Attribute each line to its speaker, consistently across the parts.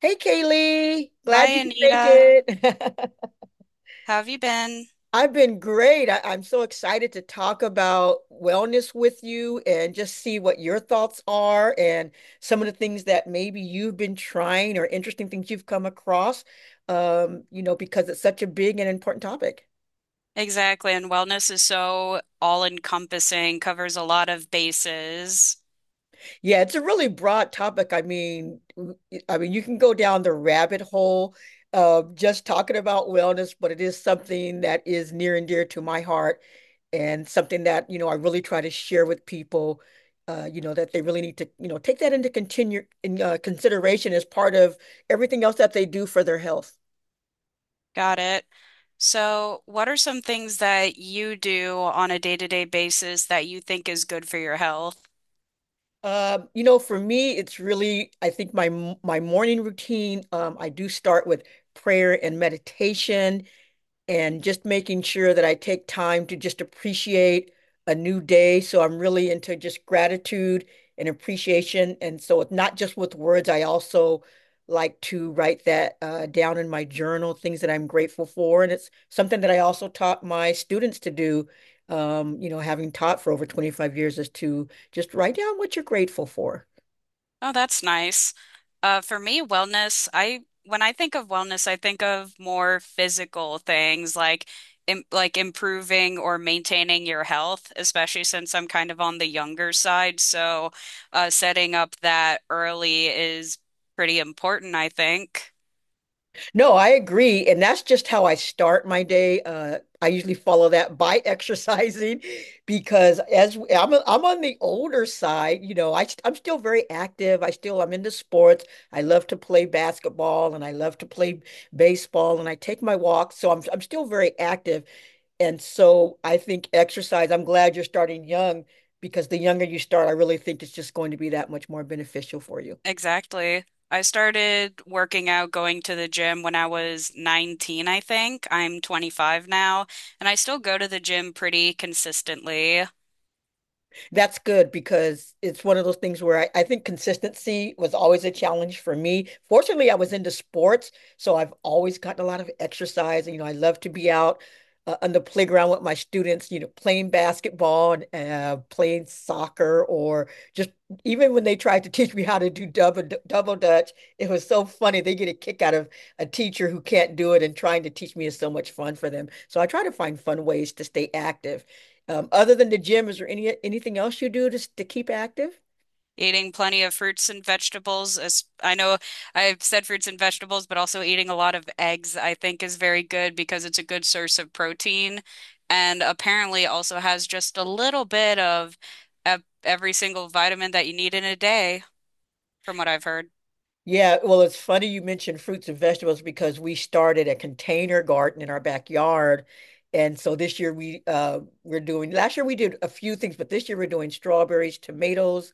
Speaker 1: Hey, Kaylee. Glad
Speaker 2: Hi,
Speaker 1: you could make
Speaker 2: Anita.
Speaker 1: it.
Speaker 2: How have you been?
Speaker 1: I've been great. I'm so excited to talk about wellness with you and just see what your thoughts are and some of the things that maybe you've been trying or interesting things you've come across, because it's such a big and important topic.
Speaker 2: Exactly. And wellness is so all-encompassing, covers a lot of bases.
Speaker 1: Yeah, it's a really broad topic. I mean, you can go down the rabbit hole of just talking about wellness, but it is something that is near and dear to my heart and something that, you know, I really try to share with people, you know, that they really need to, you know, take that into continue in consideration as part of everything else that they do for their health.
Speaker 2: Got it. So, what are some things that you do on a day-to-day basis that you think is good for your health?
Speaker 1: You know, for me, it's really, I think my morning routine. I do start with prayer and meditation, and just making sure that I take time to just appreciate a new day. So I'm really into just gratitude and appreciation. And so it's not just with words, I also like to write that down in my journal, things that I'm grateful for. And it's something that I also taught my students to do, you know, having taught for over 25 years, is to just write down what you're grateful for.
Speaker 2: Oh, that's nice. For me, wellness, I when I think of wellness, I think of more physical things like im like improving or maintaining your health, especially since I'm kind of on the younger side. So, setting up that early is pretty important, I think.
Speaker 1: No, I agree. And that's just how I start my day. I usually follow that by exercising because I'm, I'm on the older side, you know, I'm still very active. I'm into sports. I love to play basketball and I love to play baseball and I take my walks. So I'm still very active. And so I think exercise, I'm glad you're starting young, because the younger you start, I really think it's just going to be that much more beneficial for you.
Speaker 2: Exactly. I started working out, going to the gym when I was 19, I think. I'm 25 now, and I still go to the gym pretty consistently.
Speaker 1: That's good because it's one of those things where I think consistency was always a challenge for me. Fortunately, I was into sports, so I've always gotten a lot of exercise. And, you know, I love to be out on the playground with my students, you know, playing basketball and playing soccer, or just even when they tried to teach me how to do double dutch. It was so funny. They get a kick out of a teacher who can't do it, and trying to teach me is so much fun for them. So I try to find fun ways to stay active. Other than the gym, is there anything else you do just to keep active?
Speaker 2: Eating plenty of fruits and vegetables. As I know I've said fruits and vegetables, but also eating a lot of eggs, I think, is very good because it's a good source of protein and apparently also has just a little bit of every single vitamin that you need in a day, from what I've heard.
Speaker 1: Yeah, well, it's funny you mentioned fruits and vegetables, because we started a container garden in our backyard. And so this year we we're doing last year we did a few things, but this year we're doing strawberries, tomatoes,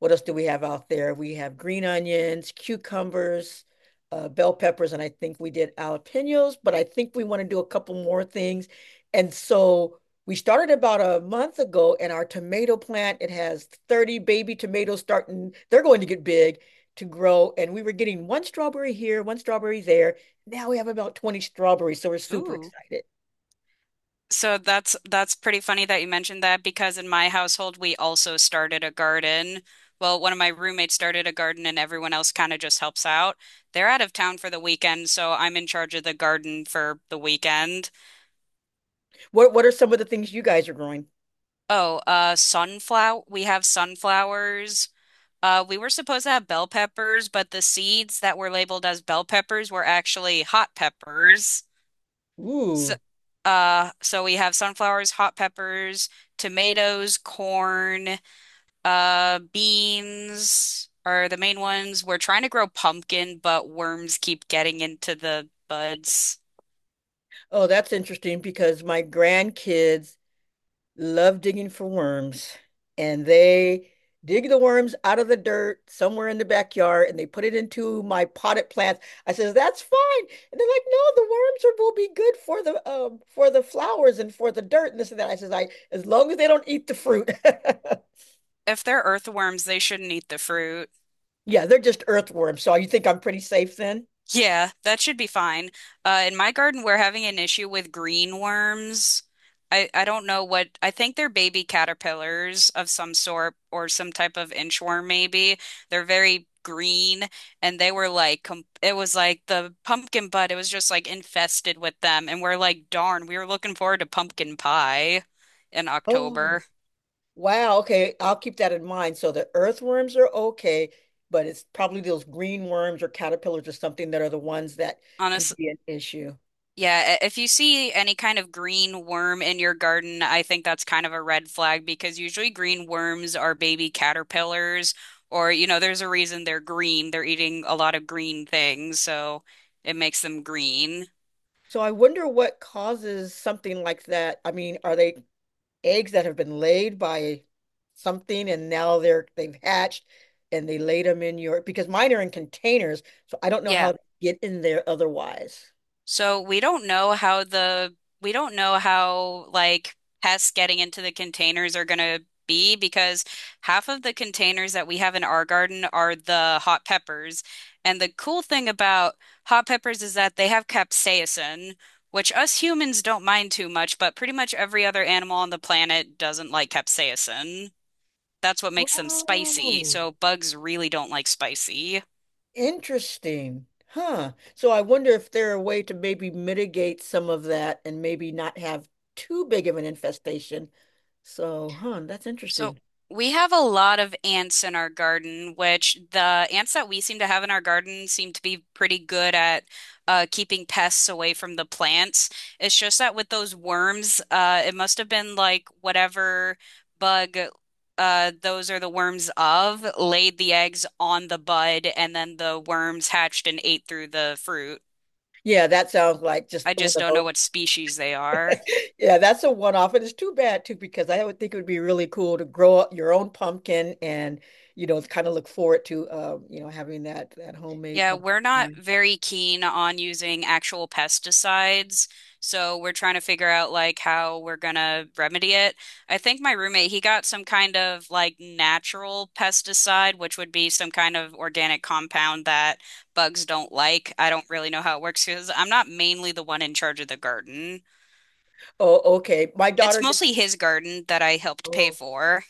Speaker 1: what else do we have out there? We have green onions, cucumbers, bell peppers, and I think we did jalapenos, but I think we want to do a couple more things. And so we started about a month ago, and our tomato plant, it has 30 baby tomatoes starting, they're going to get big to grow. And we were getting one strawberry here, one strawberry there. Now we have about 20 strawberries, so we're super
Speaker 2: Ooh.
Speaker 1: excited.
Speaker 2: So that's pretty funny that you mentioned that because in my household we also started a garden. Well, one of my roommates started a garden and everyone else kind of just helps out. They're out of town for the weekend, so I'm in charge of the garden for the weekend.
Speaker 1: What are some of the things you guys are growing?
Speaker 2: Oh, sunflower, we have sunflowers. Uh, we were supposed to have bell peppers, but the seeds that were labeled as bell peppers were actually hot peppers. So
Speaker 1: Ooh.
Speaker 2: so we have sunflowers, hot peppers, tomatoes, corn. Beans are the main ones. We're trying to grow pumpkin, but worms keep getting into the buds.
Speaker 1: Oh, that's interesting because my grandkids love digging for worms, and they dig the worms out of the dirt somewhere in the backyard, and they put it into my potted plants. I says, that's fine. And they're like, no, the worms are, will be good for the flowers and for the dirt and this and that. I says, I as long as they don't eat the fruit.
Speaker 2: If they're earthworms, they shouldn't eat the fruit.
Speaker 1: Yeah, they're just earthworms. So you think I'm pretty safe then?
Speaker 2: Yeah, that should be fine. In my garden, we're having an issue with green worms. I don't know what, I think they're baby caterpillars of some sort or some type of inchworm, maybe. They're very green and they were like, com it was like the pumpkin bud, it was just like infested with them. And we're like, darn, we were looking forward to pumpkin pie in
Speaker 1: Oh.
Speaker 2: October.
Speaker 1: Wow, okay. I'll keep that in mind. So the earthworms are okay, but it's probably those green worms or caterpillars or something that are the ones that can be an issue.
Speaker 2: Yeah, if you see any kind of green worm in your garden, I think that's kind of a red flag because usually green worms are baby caterpillars, or, you know, there's a reason they're green. They're eating a lot of green things, so it makes them green.
Speaker 1: So I wonder what causes something like that. I mean, are they eggs that have been laid by something and now they've hatched and they laid them in your, because mine are in containers, so I don't know
Speaker 2: Yeah.
Speaker 1: how to get in there otherwise.
Speaker 2: So we don't know how the we don't know how like pests getting into the containers are gonna be because half of the containers that we have in our garden are the hot peppers. And the cool thing about hot peppers is that they have capsaicin, which us humans don't mind too much, but pretty much every other animal on the planet doesn't like capsaicin. That's what makes them spicy.
Speaker 1: Whoa.
Speaker 2: So bugs really don't like spicy.
Speaker 1: Interesting. Huh. So I wonder if there a way to maybe mitigate some of that and maybe not have too big of an infestation. So, huh, that's
Speaker 2: So
Speaker 1: interesting.
Speaker 2: we have a lot of ants in our garden, which the ants that we seem to have in our garden seem to be pretty good at keeping pests away from the plants. It's just that with those worms, it must have been like whatever bug, those are the worms of laid the eggs on the bud, and then the worms hatched and ate through the fruit.
Speaker 1: Yeah, that sounds like just
Speaker 2: I
Speaker 1: one
Speaker 2: just
Speaker 1: of
Speaker 2: don't
Speaker 1: those.
Speaker 2: know what species they are.
Speaker 1: Yeah, that's a one-off. And it's too bad too, because I would think it would be really cool to grow up your own pumpkin and, you know, kind of look forward to, you know, having that homemade
Speaker 2: Yeah,
Speaker 1: pumpkin
Speaker 2: we're not
Speaker 1: pie.
Speaker 2: very keen on using actual pesticides, so we're trying to figure out like how we're gonna remedy it. I think my roommate, he got some kind of like natural pesticide, which would be some kind of organic compound that bugs don't like. I don't really know how it works because I'm not mainly the one in charge of the garden.
Speaker 1: Oh, okay. My
Speaker 2: It's
Speaker 1: daughter did.
Speaker 2: mostly his garden that I helped pay
Speaker 1: Oh.
Speaker 2: for.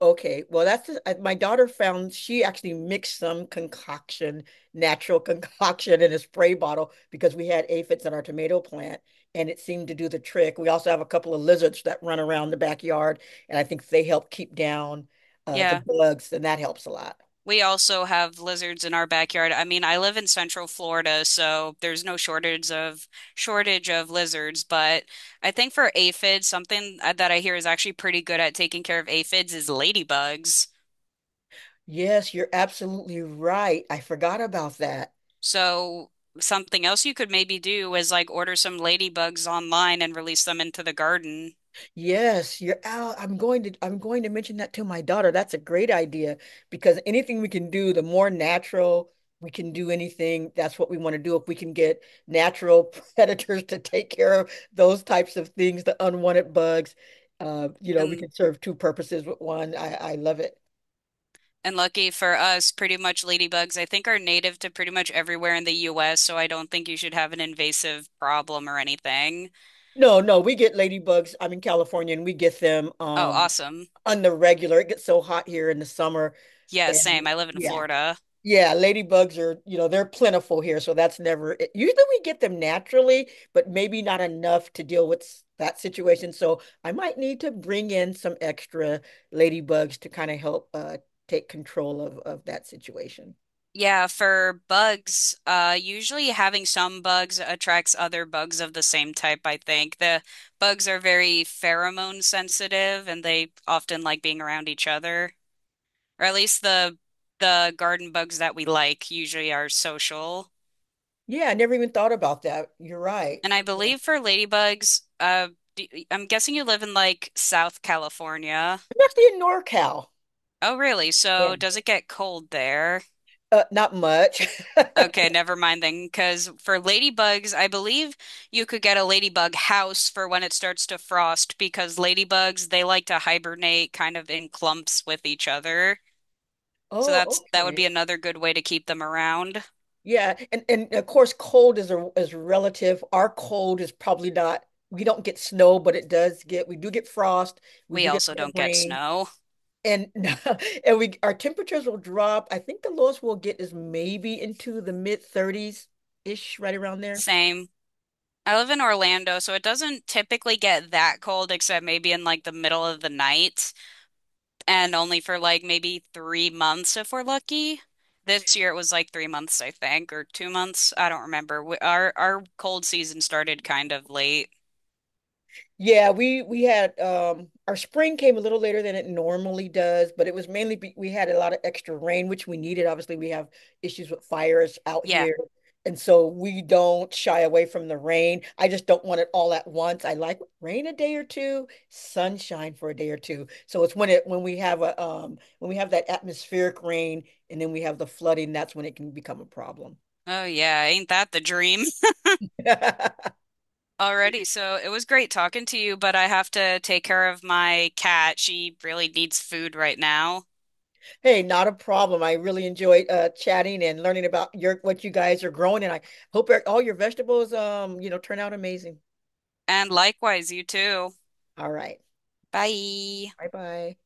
Speaker 1: Okay, well, that's the, my daughter found, she actually mixed some concoction, natural concoction in a spray bottle, because we had aphids in our tomato plant and it seemed to do the trick. We also have a couple of lizards that run around the backyard, and I think they help keep down the
Speaker 2: Yeah.
Speaker 1: bugs, and that helps a lot.
Speaker 2: We also have lizards in our backyard. I mean, I live in Central Florida, so there's no shortage of lizards, but I think for aphids, something that I hear is actually pretty good at taking care of aphids is ladybugs.
Speaker 1: Yes, you're absolutely right. I forgot about that.
Speaker 2: So something else you could maybe do is like order some ladybugs online and release them into the garden.
Speaker 1: Yes, you're out. I'm going to mention that to my daughter. That's a great idea because anything we can do, the more natural, we can do anything, that's what we want to do. If we can get natural predators to take care of those types of things, the unwanted bugs, you know, we
Speaker 2: And
Speaker 1: can serve two purposes with one. I love it.
Speaker 2: and lucky for us, pretty much ladybugs I think are native to pretty much everywhere in the US, so I don't think you should have an invasive problem or anything.
Speaker 1: No, no, we get ladybugs. I'm in California and we get them
Speaker 2: Oh, awesome.
Speaker 1: on the regular. It gets so hot here in the summer.
Speaker 2: Yeah,
Speaker 1: And
Speaker 2: same. I live in
Speaker 1: yeah,
Speaker 2: Florida.
Speaker 1: yeah, ladybugs are, you know, they're plentiful here, so that's never, usually we get them naturally, but maybe not enough to deal with that situation. So I might need to bring in some extra ladybugs to kind of help take control of that situation.
Speaker 2: Yeah, for bugs, usually having some bugs attracts other bugs of the same type, I think. The bugs are very pheromone sensitive and they often like being around each other. Or at least the garden bugs that we like usually are social.
Speaker 1: Yeah, I never even thought about that. You're right.
Speaker 2: And I believe for ladybugs, I'm guessing you live in like South California.
Speaker 1: I'm actually in NorCal.
Speaker 2: Oh, really?
Speaker 1: Yeah.
Speaker 2: So does it get cold there?
Speaker 1: Not much.
Speaker 2: Okay, never mind then, because for ladybugs, I believe you could get a ladybug house for when it starts to frost because ladybugs, they like to hibernate kind of in clumps with each other. So
Speaker 1: Oh,
Speaker 2: that would
Speaker 1: okay.
Speaker 2: be another good way to keep them around.
Speaker 1: Yeah, and of course, cold is a is relative. Our cold is probably not. We don't get snow, but it does get. We do get frost. We
Speaker 2: We
Speaker 1: do get
Speaker 2: also don't get
Speaker 1: rain,
Speaker 2: snow.
Speaker 1: and and we our temperatures will drop. I think the lowest we'll get is maybe into the mid 30s ish, right around there.
Speaker 2: Same. I live in Orlando, so it doesn't typically get that cold except maybe in like the middle of the night. And only for like maybe 3 months if we're lucky. This year it was like 3 months, I think, or 2 months. I don't remember. Our cold season started kind of late.
Speaker 1: Yeah, we had our spring came a little later than it normally does, but it was mainly be, we had a lot of extra rain which we needed. Obviously, we have issues with fires out
Speaker 2: Yeah.
Speaker 1: here, and so we don't shy away from the rain. I just don't want it all at once. I like rain a day or two, sunshine for a day or two. So it's when it when we have that atmospheric rain and then we have the flooding, that's when it can become a problem.
Speaker 2: Oh yeah, ain't that the dream? Already. So it was great talking to you, but I have to take care of my cat. She really needs food right now.
Speaker 1: Hey, not a problem. I really enjoyed chatting and learning about your what you guys are growing, and I hope all your vegetables, you know, turn out amazing.
Speaker 2: And likewise, you too.
Speaker 1: All right.
Speaker 2: Bye.
Speaker 1: Bye bye.